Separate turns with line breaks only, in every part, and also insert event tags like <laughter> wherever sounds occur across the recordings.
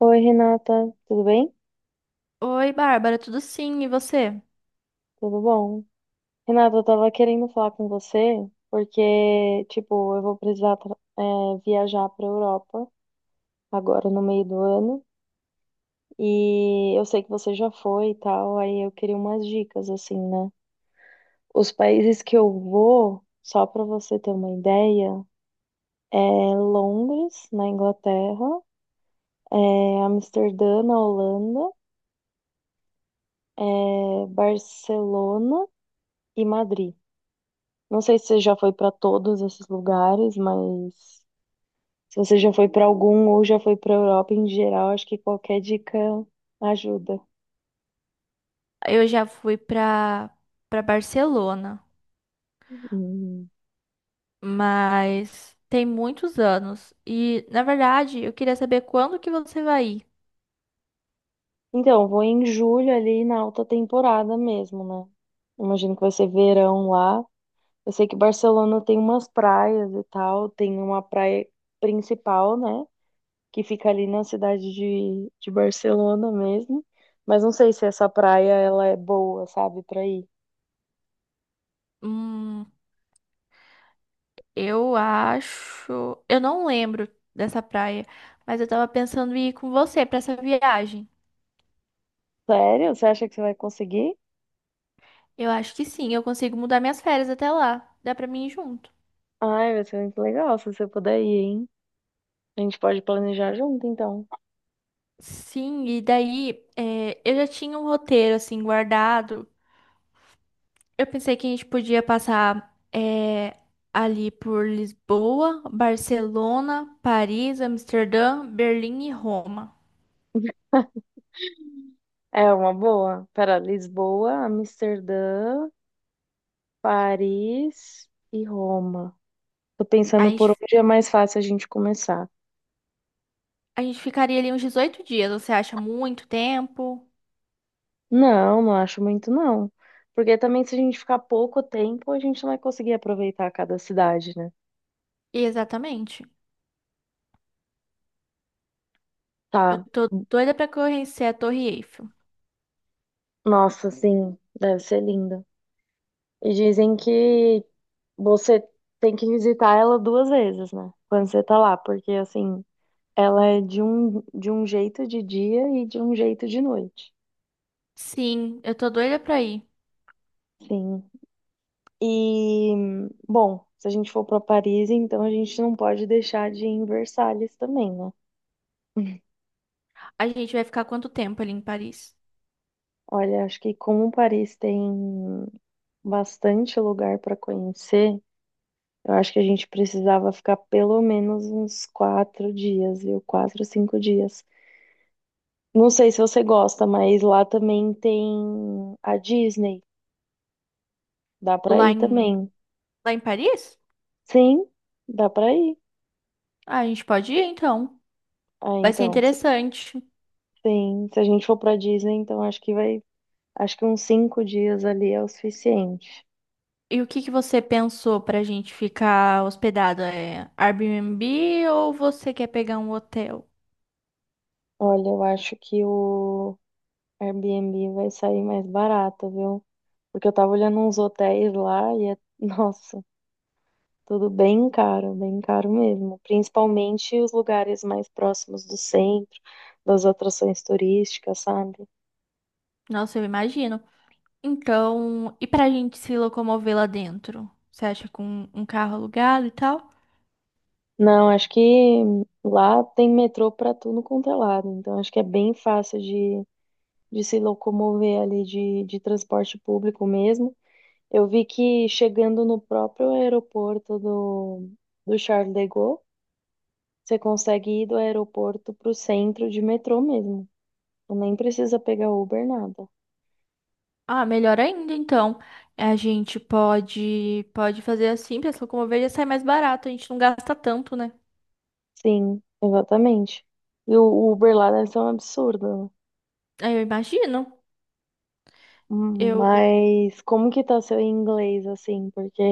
Oi, Renata, tudo bem?
Oi, Bárbara, tudo sim, e você?
Tudo bom? Renata, eu tava querendo falar com você porque, tipo, eu vou precisar, viajar pra Europa agora no meio do ano e eu sei que você já foi e tal, aí eu queria umas dicas, assim, né? Os países que eu vou, só pra você ter uma ideia, é Londres, na Inglaterra, é Amsterdã, na Holanda, Barcelona e Madrid. Não sei se você já foi para todos esses lugares, mas se você já foi para algum ou já foi para Europa em geral, acho que qualquer dica ajuda.
Eu já fui pra para Barcelona,
Hum.
mas tem muitos anos. E, na verdade, eu queria saber quando que você vai ir.
Então, vou em julho ali na alta temporada mesmo, né? Imagino que vai ser verão lá. Eu sei que Barcelona tem umas praias e tal, tem uma praia principal, né? Que fica ali na cidade de Barcelona mesmo. Mas não sei se essa praia ela é boa, sabe, pra ir.
Hum, eu não lembro dessa praia, mas eu tava pensando em ir com você pra essa viagem.
Sério? Você acha que você vai conseguir?
Eu acho que sim, eu consigo mudar minhas férias até lá. Dá pra mim ir junto.
Ai, vai ser muito legal se você puder ir, hein? A gente pode planejar junto, então.
Sim, e daí, eu já tinha um roteiro assim guardado. Eu pensei que a gente podia passar ali por Lisboa, Barcelona, Paris, Amsterdã, Berlim e Roma.
É uma boa. Pera, Lisboa, Amsterdã, Paris e Roma. Tô
A
pensando por
gente,
onde é mais fácil a gente começar.
a gente ficaria ali uns 18 dias, você acha muito tempo?
Não, não acho muito, não. Porque também se a gente ficar pouco tempo, a gente não vai conseguir aproveitar cada cidade, né?
Exatamente. Eu
Tá.
tô doida pra conhecer a Torre Eiffel.
Nossa, sim, deve ser linda. E dizem que você tem que visitar ela duas vezes, né? Quando você tá lá, porque assim. Ela é de um jeito de dia e de um jeito de noite.
Sim, eu tô doida pra ir.
Sim. E, bom, se a gente for para Paris, então a gente não pode deixar de ir em Versalhes também, né?
A gente vai ficar quanto tempo ali em Paris?
Olha, acho que como Paris tem bastante lugar para conhecer, eu acho que a gente precisava ficar pelo menos uns quatro dias, viu? Quatro, cinco dias. Não sei se você gosta, mas lá também tem a Disney. Dá para
Lá
ir
em,
também.
lá em Paris?
Sim, dá para ir.
Ah, a gente pode ir então.
Ah,
Vai ser
então,
interessante.
sim. Se a gente for pra Disney, então acho que vai. Acho que uns cinco dias ali é o suficiente.
E o que que você pensou pra gente ficar hospedado? É Airbnb ou você quer pegar um hotel?
Olha, eu acho que o Airbnb vai sair mais barato, viu? Porque eu tava olhando uns hotéis lá e <laughs> nossa, tudo bem caro mesmo. Principalmente os lugares mais próximos do centro, das atrações turísticas, sabe?
Nossa, eu imagino. Então, e pra gente se locomover lá dentro? Você acha com um carro alugado e tal?
Não, acho que lá tem metrô pra tudo quanto é lado, então acho que é bem fácil de se locomover ali de transporte público mesmo. Eu vi que chegando no próprio aeroporto do Charles de Gaulle, você consegue ir do aeroporto para o centro de metrô mesmo. Então, nem precisa pegar Uber, nada.
Ah, melhor ainda, então. A gente pode fazer assim pra se locomover, já sai mais barato, a gente não gasta tanto, né?
Sim, exatamente. E o Uber lá deve ser um absurdo, né?
Ah, eu imagino. Eu,
Mas como que tá seu inglês, assim? Porque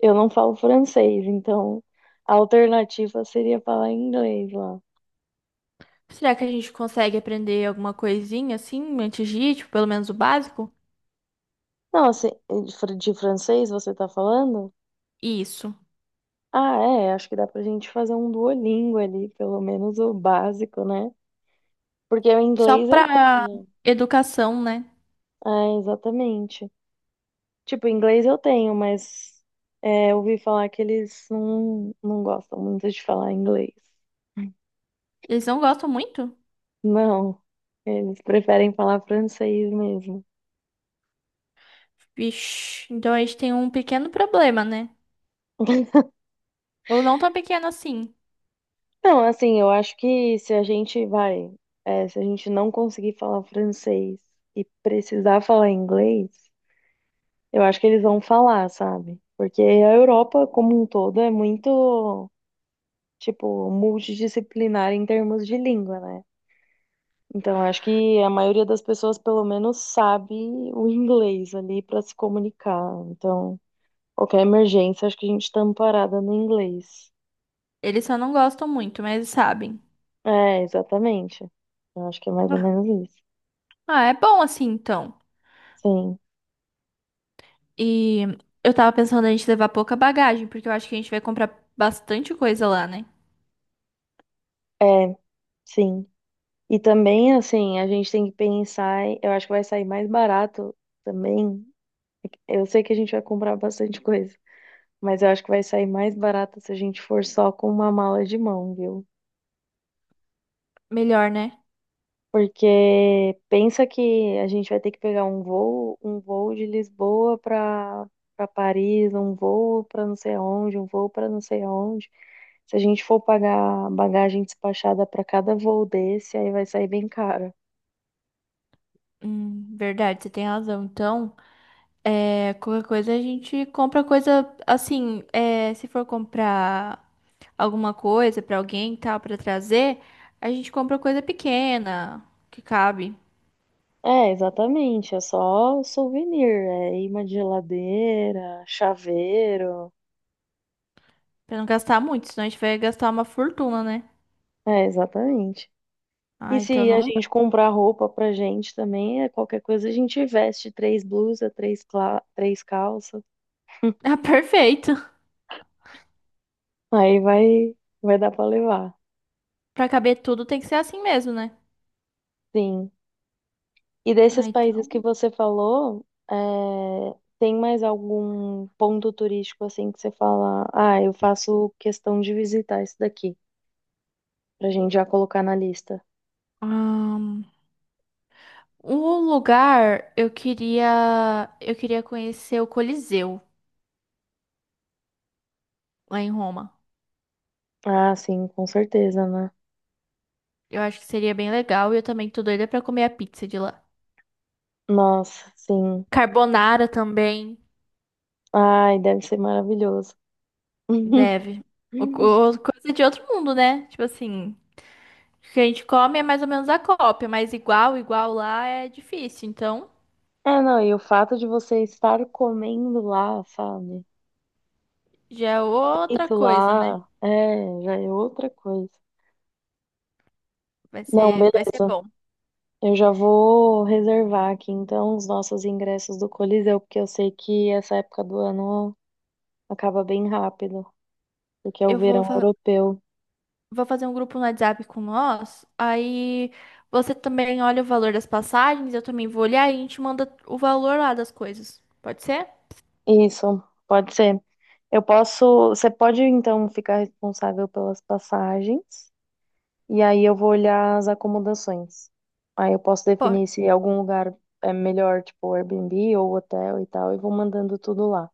eu não falo francês, então a alternativa seria falar inglês lá.
será que a gente consegue aprender alguma coisinha assim antes de ir, tipo, pelo menos o básico?
Não, assim, de francês você tá falando?
Isso.
Ah, é, acho que dá pra gente fazer um Duolingo ali, pelo menos o básico, né? Porque o
Só
inglês eu
pra
tenho.
educação, né?
Ah, exatamente. Tipo, inglês eu tenho, mas eu ouvi falar que eles não gostam muito de falar inglês.
Eles não gostam muito?
Não, eles preferem falar francês mesmo.
Vixe, então a gente tem um pequeno problema, né? Ou não tão pequeno assim.
Não, assim, eu acho que se a gente vai, é, se a gente não conseguir falar francês e precisar falar inglês. Eu acho que eles vão falar, sabe? Porque a Europa, como um todo, é muito, tipo, multidisciplinar em termos de língua, né? Então, eu acho que a maioria das pessoas, pelo menos, sabe o inglês ali para se comunicar. Então, qualquer emergência, acho que a gente tá amparada no inglês.
Eles só não gostam muito, mas eles sabem.
É, exatamente. Eu acho que é mais ou
Ah,
menos isso.
ah, é bom assim então.
Sim.
E eu tava pensando a gente levar pouca bagagem, porque eu acho que a gente vai comprar bastante coisa lá, né?
É, sim. E também, assim, a gente tem que pensar, eu acho que vai sair mais barato também. Eu sei que a gente vai comprar bastante coisa, mas eu acho que vai sair mais barato se a gente for só com uma mala de mão, viu?
Melhor, né?
Porque pensa que a gente vai ter que pegar um voo de Lisboa para Paris, um voo para não sei onde, um voo para não sei onde. Se a gente for pagar bagagem despachada para cada voo desse, aí vai sair bem caro.
Verdade, você tem razão. Então, é, qualquer coisa a gente compra coisa assim, é, se for comprar alguma coisa pra alguém e tal, pra trazer, a gente compra coisa pequena, que cabe.
É, exatamente, é só souvenir, é imã de geladeira, chaveiro.
Pra não gastar muito, senão a gente vai gastar uma fortuna, né?
É, exatamente. E
Ah, então
se a
não dá.
gente comprar roupa pra gente também, é qualquer coisa, a gente veste três blusas, três calças.
<laughs> Ah, perfeito.
Aí vai, dar pra levar.
Pra caber tudo tem que ser assim mesmo, né?
Sim. E desses
Ah,
países
então.
que você falou, é, tem mais algum ponto turístico assim que você fala, ah, eu faço questão de visitar isso daqui, pra gente já colocar na lista.
Ahn, um lugar, eu queria conhecer o Coliseu lá em Roma.
Ah, sim, com certeza, né?
Eu acho que seria bem legal e eu também tô doida pra comer a pizza de lá.
Nossa, sim.
Carbonara também,
Ai, deve ser maravilhoso. <laughs>
deve. O- coisa de outro mundo, né? Tipo assim, o que a gente come é mais ou menos a cópia, mas igual, igual lá é difícil. Então,
É, não, e o fato de você estar comendo lá, sabe?
já é outra
Feito
coisa, né?
lá, já é outra coisa. Não,
Vai ser
beleza.
bom.
Eu já vou reservar aqui então os nossos ingressos do Coliseu, porque eu sei que essa época do ano acaba bem rápido, porque é o
Eu vou,
verão
fa-
europeu.
vou fazer um grupo no WhatsApp com nós. Aí você também olha o valor das passagens, eu também vou olhar e a gente manda o valor lá das coisas. Pode ser?
Isso, pode ser. Eu posso, você pode então ficar responsável pelas passagens. E aí eu vou olhar as acomodações. Aí eu posso
Pode,
definir se algum lugar é melhor, tipo Airbnb ou hotel e tal, e vou mandando tudo lá.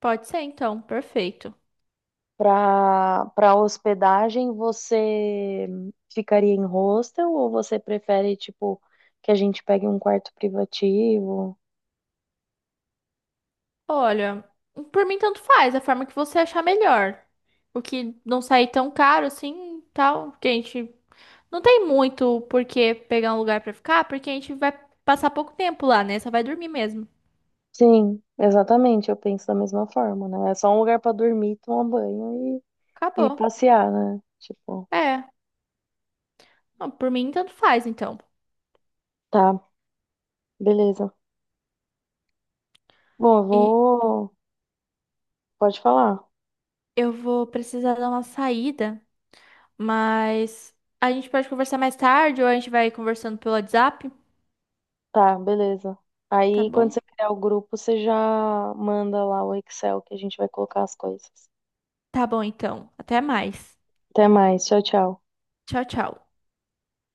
pode ser, então. Perfeito.
Para hospedagem, você ficaria em hostel ou você prefere, tipo, que a gente pegue um quarto privativo?
Olha, por mim tanto faz, a forma que você achar melhor. O que não sair tão caro assim, tal, porque a gente não tem muito por que pegar um lugar pra ficar, porque a gente vai passar pouco tempo lá, né? Só vai dormir mesmo.
Sim, exatamente, eu penso da mesma forma, né? É só um lugar para dormir, tomar banho e
Acabou.
passear, né? Tipo,
É, não, por mim tanto faz, então.
tá, beleza. Bom, eu
E
vou. Pode falar.
eu vou precisar dar uma saída, mas a gente pode conversar mais tarde ou a gente vai conversando pelo WhatsApp,
Tá, beleza.
tá
Aí, quando
bom?
você criar o grupo, você já manda lá o Excel que a gente vai colocar as coisas.
Tá bom, então. Até mais.
Até mais. Tchau, tchau.
Tchau, tchau.